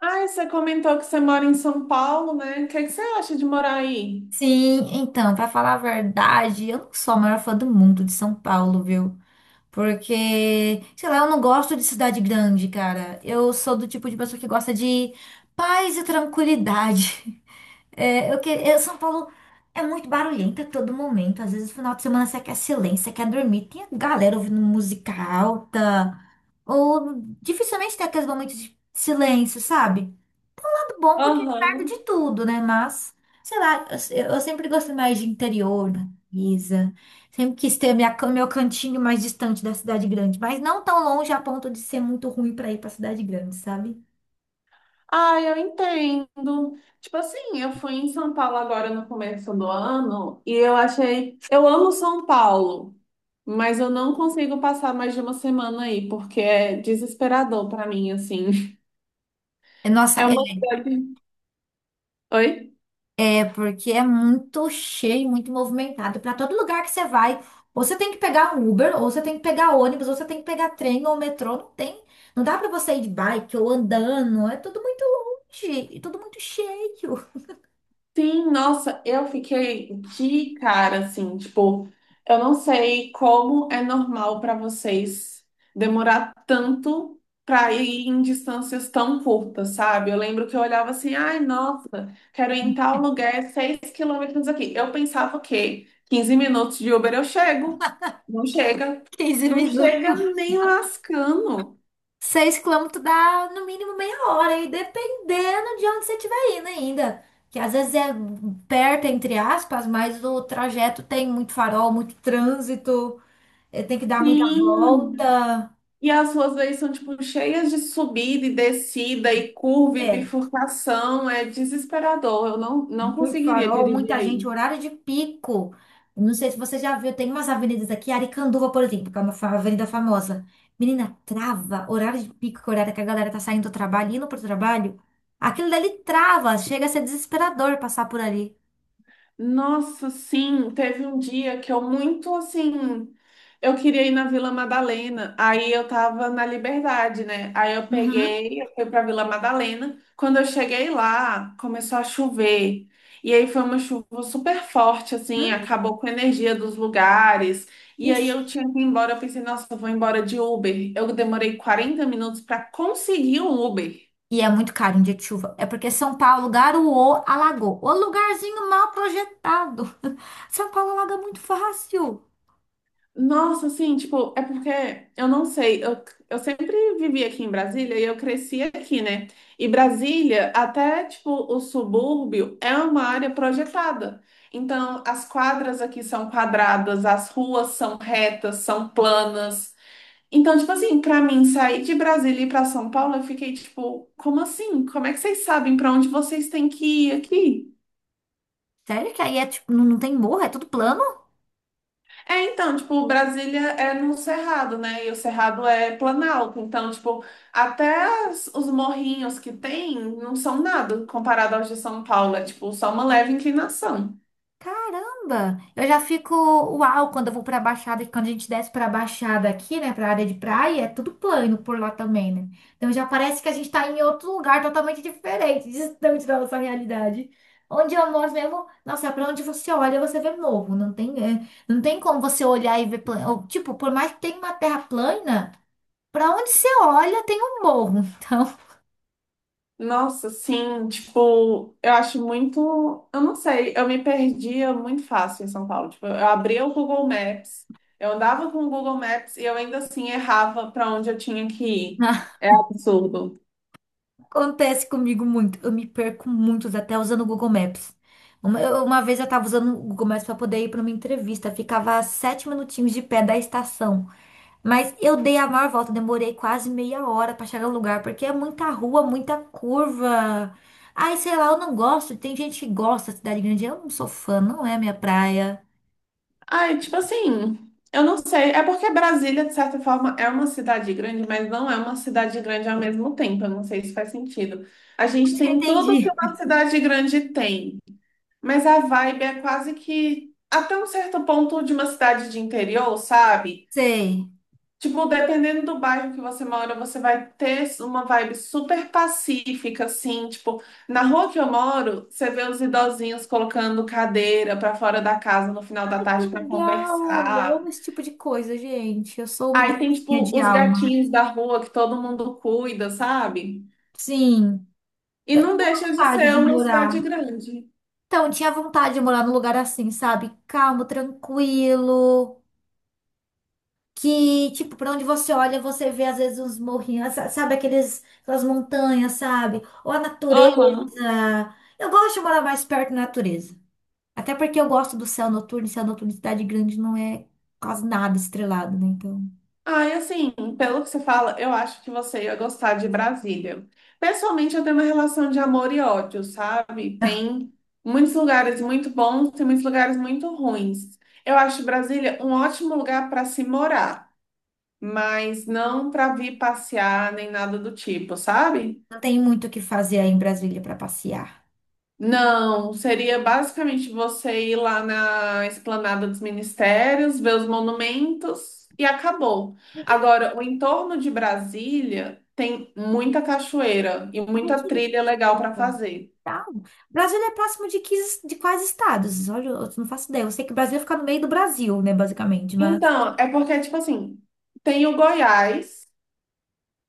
Ah, você comentou que você mora em São Paulo, né? O que é que você acha de morar aí? Sim, então, pra falar a verdade, eu não sou a maior fã do mundo de São Paulo, viu? Porque, sei lá, eu não gosto de cidade grande, cara. Eu sou do tipo de pessoa que gosta de paz e tranquilidade. É, São Paulo é muito barulhenta a todo momento. Às vezes, no final de semana, você quer silêncio, você quer dormir. Tem a galera ouvindo música alta. Ou dificilmente tem aqueles momentos de silêncio, sabe? Bom porque é perto Aham. de tudo, né? Mas, sei lá, eu sempre gostei mais de interior, natureza. Sempre quis ter meu cantinho mais distante da cidade grande, mas não tão longe a ponto de ser muito ruim para ir para cidade grande, sabe? Ah, eu entendo. Tipo assim, eu fui em São Paulo agora no começo do ano e eu achei. Eu amo São Paulo, mas eu não consigo passar mais de uma semana aí, porque é desesperador pra mim, assim. É, nossa, É uma cidade. Oi? é porque é muito cheio, muito movimentado. Para todo lugar que você vai, ou você tem que pegar um Uber, ou você tem que pegar ônibus, ou você tem que pegar trem ou metrô, não tem. Não dá para você ir de bike ou andando, é tudo muito longe, e tudo muito cheio. Sim, nossa, eu fiquei de cara, assim, tipo, eu não sei como é normal para vocês demorar tanto para ir em distâncias tão curtas, sabe? Eu lembro que eu olhava assim, ai, nossa, quero ir em tal lugar, é 6 quilômetros aqui. Eu pensava o quê? 15 minutos de Uber eu chego. Não chega. quinze Não chega minutos. nem lascando. 6 quilômetros dá no mínimo meia hora, e dependendo de onde você estiver indo ainda. Que às vezes é perto, entre aspas, mas o trajeto tem muito farol, muito trânsito, tem que dar muita Sim. volta. E as ruas aí são, tipo, cheias de subida e descida e curva e É, bifurcação. É desesperador. Eu não muito conseguiria farol, dirigir muita gente, aí. horário de pico. Não sei se você já viu, tem umas avenidas aqui, Aricanduva, por exemplo, que é uma avenida famosa. Menina, trava, horário de pico, que é o horário que a galera tá saindo do trabalho, indo pro trabalho. Aquilo dali trava, chega a ser desesperador passar por ali. Nossa, sim, teve um dia que eu muito assim, eu queria ir na Vila Madalena, aí eu tava na Liberdade, né? Aí eu Uhum. peguei, eu fui pra Vila Madalena. Quando eu cheguei lá, começou a chover. E aí foi uma chuva super forte, assim, Hum, acabou com a energia dos lugares. E aí ixi. eu tinha que ir embora, eu pensei, nossa, eu vou embora de Uber. Eu demorei 40 minutos para conseguir um Uber. E é muito caro em dia de chuva. É porque São Paulo garoou, alagou. O lugarzinho mal projetado. São Paulo alaga muito fácil. Nossa, assim, tipo, é porque eu não sei, eu sempre vivi aqui em Brasília e eu cresci aqui, né? E Brasília, até tipo o subúrbio, é uma área projetada. Então, as quadras aqui são quadradas, as ruas são retas, são planas. Então, tipo assim, pra mim sair de Brasília e ir pra São Paulo, eu fiquei tipo, como assim? Como é que vocês sabem pra onde vocês têm que ir aqui? Sério que aí é tipo, não, não tem morro, é tudo plano? É, então, tipo, Brasília é no Cerrado, né? E o Cerrado é Planalto. Então, tipo, até os morrinhos que tem não são nada comparado aos de São Paulo. É, tipo, só uma leve inclinação. Caramba! Eu já fico uau quando eu vou pra Baixada, que quando a gente desce pra Baixada aqui, né, pra área de praia, é tudo plano por lá também, né? Então já parece que a gente tá em outro lugar totalmente diferente, distante da nossa realidade. Onde eu moro mesmo, nossa, pra onde você olha, você vê morro. Não tem, é, não tem como você olhar e ver plano. Ou, tipo, por mais que tenha uma terra plana, pra onde você olha, tem um morro. Então. Nossa, sim, tipo, eu acho muito. Eu não sei, eu me perdia muito fácil em São Paulo. Tipo, eu abria o Google Maps, eu andava com o Google Maps e eu ainda assim errava para onde eu tinha que ir. É absurdo. Acontece comigo muito. Eu me perco muitos, até usando o Google Maps. Uma vez eu tava usando o Google Maps para poder ir para uma entrevista. Ficava a 7 minutinhos de pé da estação. Mas eu dei a maior volta, demorei quase meia hora para chegar no lugar, porque é muita rua, muita curva. Ai, sei lá, eu não gosto. Tem gente que gosta da cidade grande. Eu não sou fã, não é minha praia. Ai, tipo assim, eu não sei. É porque Brasília, de certa forma, é uma cidade grande, mas não é uma cidade grande ao mesmo tempo. Eu não sei se faz sentido. A gente Acho que eu tem tudo que entendi. uma cidade grande tem, mas a vibe é quase que até um certo ponto de uma cidade de interior, sabe? Sei. Tipo, dependendo do bairro que você mora, você vai ter uma vibe super pacífica, assim. Tipo, na rua que eu moro, você vê os idosinhos colocando cadeira pra fora da casa no final da Ai, que tarde pra legal! Eu conversar. amo esse tipo de coisa, gente. Eu sou uma Aí tem, dancinha tipo, de os alma. gatinhos da rua que todo mundo cuida, sabe? Sim. E Eu não tinha deixa de vontade ser de uma morar. cidade grande. Então, eu tinha vontade de morar num lugar assim, sabe? Calmo, tranquilo. Que, tipo, pra onde você olha, você vê às vezes uns morrinhos, sabe? Aqueles, aquelas montanhas, sabe? Ou a natureza. Aham. Eu gosto de morar mais perto da natureza. Até porque eu gosto do céu noturno, e céu noturno em cidade grande não é quase nada estrelado, né? Então, Ah, e assim, pelo que você fala, eu acho que você ia gostar de Brasília. Pessoalmente, eu tenho uma relação de amor e ódio, sabe? Tem muitos lugares muito bons, tem muitos lugares muito ruins. Eu acho Brasília um ótimo lugar para se morar, mas não para vir passear nem nada do tipo, sabe? não tem muito o que fazer aí em Brasília pra passear. Não, seria basicamente você ir lá na Esplanada dos Ministérios, ver os monumentos e acabou. Não tem. Agora, o entorno de Brasília tem muita cachoeira e Ai, muita que lindo. trilha legal para fazer. Tá. Brasília é próximo de, que, de quais estados? Olha, eu não faço ideia. Eu sei que o Brasil fica no meio do Brasil, né, basicamente, mas Então, é porque, tipo assim, tem o Goiás,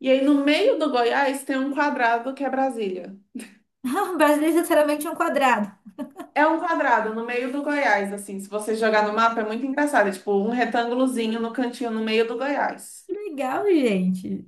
e aí no meio do Goiás tem um quadrado que é Brasília. Brasília é literalmente um quadrado. É um quadrado no meio do Goiás, assim, se você jogar no mapa é muito engraçado, é tipo um retângulozinho no cantinho no meio do Goiás. Que legal, gente.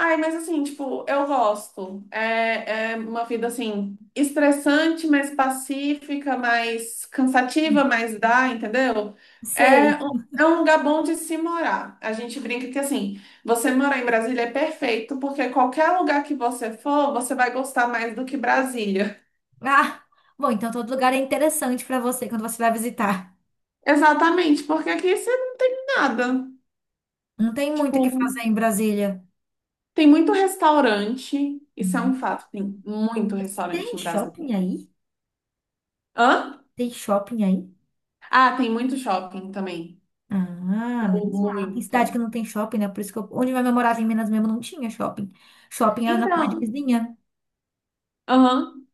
Ai, mas assim, tipo, eu gosto. É, é uma vida assim, estressante, mas pacífica, mais cansativa, mas dá, entendeu? É, Sei. um- é um lugar bom de se morar. A gente brinca que assim, você morar em Brasília é perfeito, porque qualquer lugar que você for, você vai gostar mais do que Brasília. Ah, bom, então todo lugar é interessante para você quando você vai visitar. Exatamente, porque aqui isso é nada. Não tem muito o Tipo, que fazer em Brasília. tem muito restaurante, isso é um Hum. fato, tem muito restaurante Tem em shopping Brasília. aí? Hã? Tem shopping aí? Ah, tem muito shopping também. Ah, menos mal. Tem cidade que Muito. não tem shopping, né? Por isso que eu, onde minha mãe morava em Minas mesmo não tinha shopping. Shopping era na Então, cidade vizinha. aham.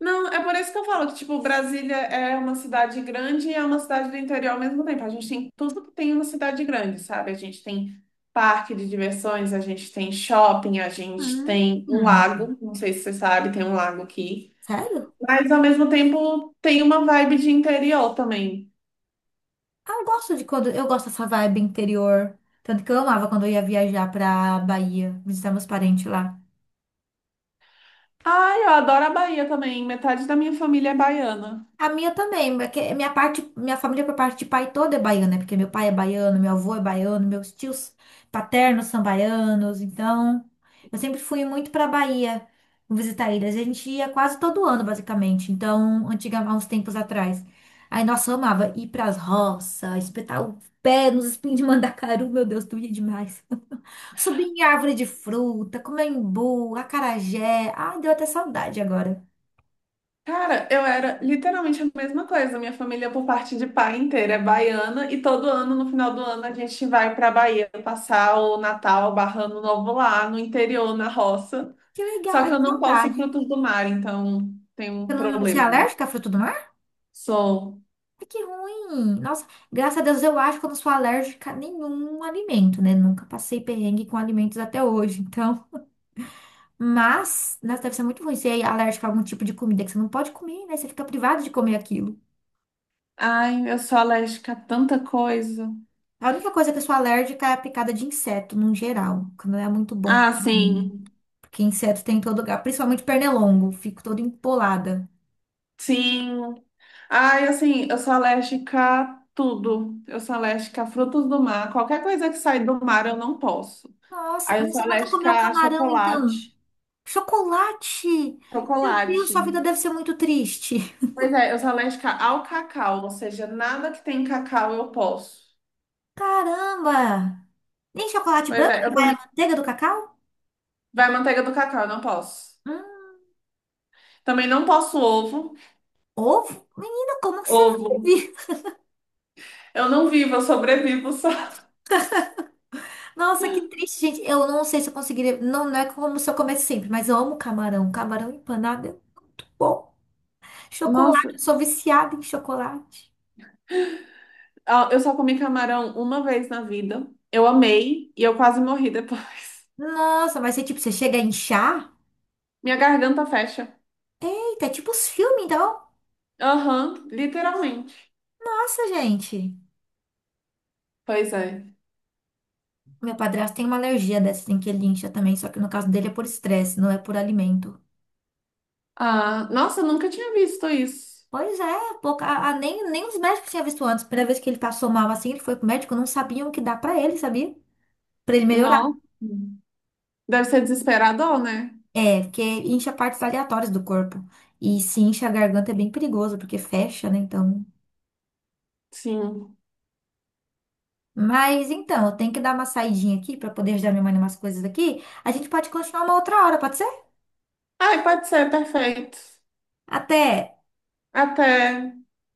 Não, é por isso que eu falo que, tipo, Brasília é uma cidade grande e é uma cidade do interior ao mesmo tempo. A gente tem tudo que tem uma cidade grande, sabe? A gente tem parque de diversões, a gente tem shopping, a gente tem um Hum. lago, não sei se você sabe, tem um lago aqui. Sério? Mas, ao mesmo tempo, tem uma vibe de interior também. Ah, eu gosto de quando. Eu gosto dessa vibe interior. Tanto que eu amava quando eu ia viajar pra Bahia, visitar meus parentes lá. Ai, eu adoro a Bahia também. Metade da minha família é baiana. A minha também, porque minha parte, minha família por parte de pai toda é baiana, né? Porque meu pai é baiano, meu avô é baiano, meus tios paternos são baianos, então eu sempre fui muito pra Bahia visitar eles. A gente ia quase todo ano, basicamente. Então, antiga, há uns tempos atrás. Aí, nossa, eu amava ir pras roças, espetar o pé nos espinhos de mandacaru, meu Deus, doía demais. Subir em árvore de fruta, comer imbu, acarajé. Ah, deu até saudade agora. Cara, eu era literalmente a mesma coisa. Minha família, por parte de pai inteira, é baiana e todo ano, no final do ano, a gente vai para Bahia passar o Natal, barra Ano Novo lá no interior, na roça. Que legal, Só ai, que eu que não posso saudade. frutos do mar, então tem Você um não, você é problema aí. alérgica a fruta do mar? Sou. Ai, que ruim. Nossa, graças a Deus eu acho que eu não sou alérgica a nenhum alimento, né? Nunca passei perrengue com alimentos até hoje, então. Mas, nossa, deve ser muito ruim ser alérgica a algum tipo de comida que você não pode comer, né? Você fica privado de comer aquilo. Ai, eu sou alérgica a tanta coisa. A única coisa que eu sou alérgica é a picada de inseto, no geral, que não é muito bom. Ah, sim. Porque inseto tem em todo lugar, principalmente pernilongo. Fico toda empolada. Sim. Ai, assim, eu sou alérgica a tudo. Eu sou alérgica a frutos do mar. Qualquer coisa que sai do mar, eu não posso. Nossa, Aí eu sou você nunca alérgica comeu a camarão, então? chocolate. Chocolate! Meu Chocolate. Deus, sua vida deve ser muito triste. Pois é, eu sou alérgica ao cacau, ou seja, nada que tem cacau eu posso. Caramba! Nem chocolate Pois branco é, que eu vai a também. manteiga do cacau? Vai manteiga do cacau, eu não posso. Hum, Também não posso ovo. ovo? Menina, como que você Ovo. vive? Eu não vivo, eu sobrevivo só. Nossa, que triste, gente. Eu não sei se eu conseguiria. Não, não é como se eu comesse sempre, mas eu amo camarão. Camarão empanado é muito bom. Nossa, Chocolate, eu sou viciada em chocolate. ó, eu só comi camarão uma vez na vida. Eu amei e eu quase morri depois. Nossa, mas você, tipo, você chega a inchar? Minha garganta fecha. É tipo os filmes, então. Aham, literalmente. Nossa, gente. Pois é. Meu padrasto tem uma alergia dessa, tem que ele incha também, só que no caso dele é por estresse, não é por alimento. Ah, nossa, eu nunca tinha visto isso. Pois é, pouca, nem os médicos tinham visto antes. Primeira vez que ele passou mal assim, ele foi pro médico, não sabiam o que dar pra ele, sabia? Pra ele melhorar. Nossa. Deve ser desesperador, né? É, porque incha partes aleatórias do corpo. E se incha a garganta é bem perigoso, porque fecha, né? Então. Sim. Mas então, eu tenho que dar uma saidinha aqui pra poder ajudar minha mãe em umas coisas aqui. A gente pode continuar uma outra hora, pode ser? Ai, pode ser, perfeito. Até! Até.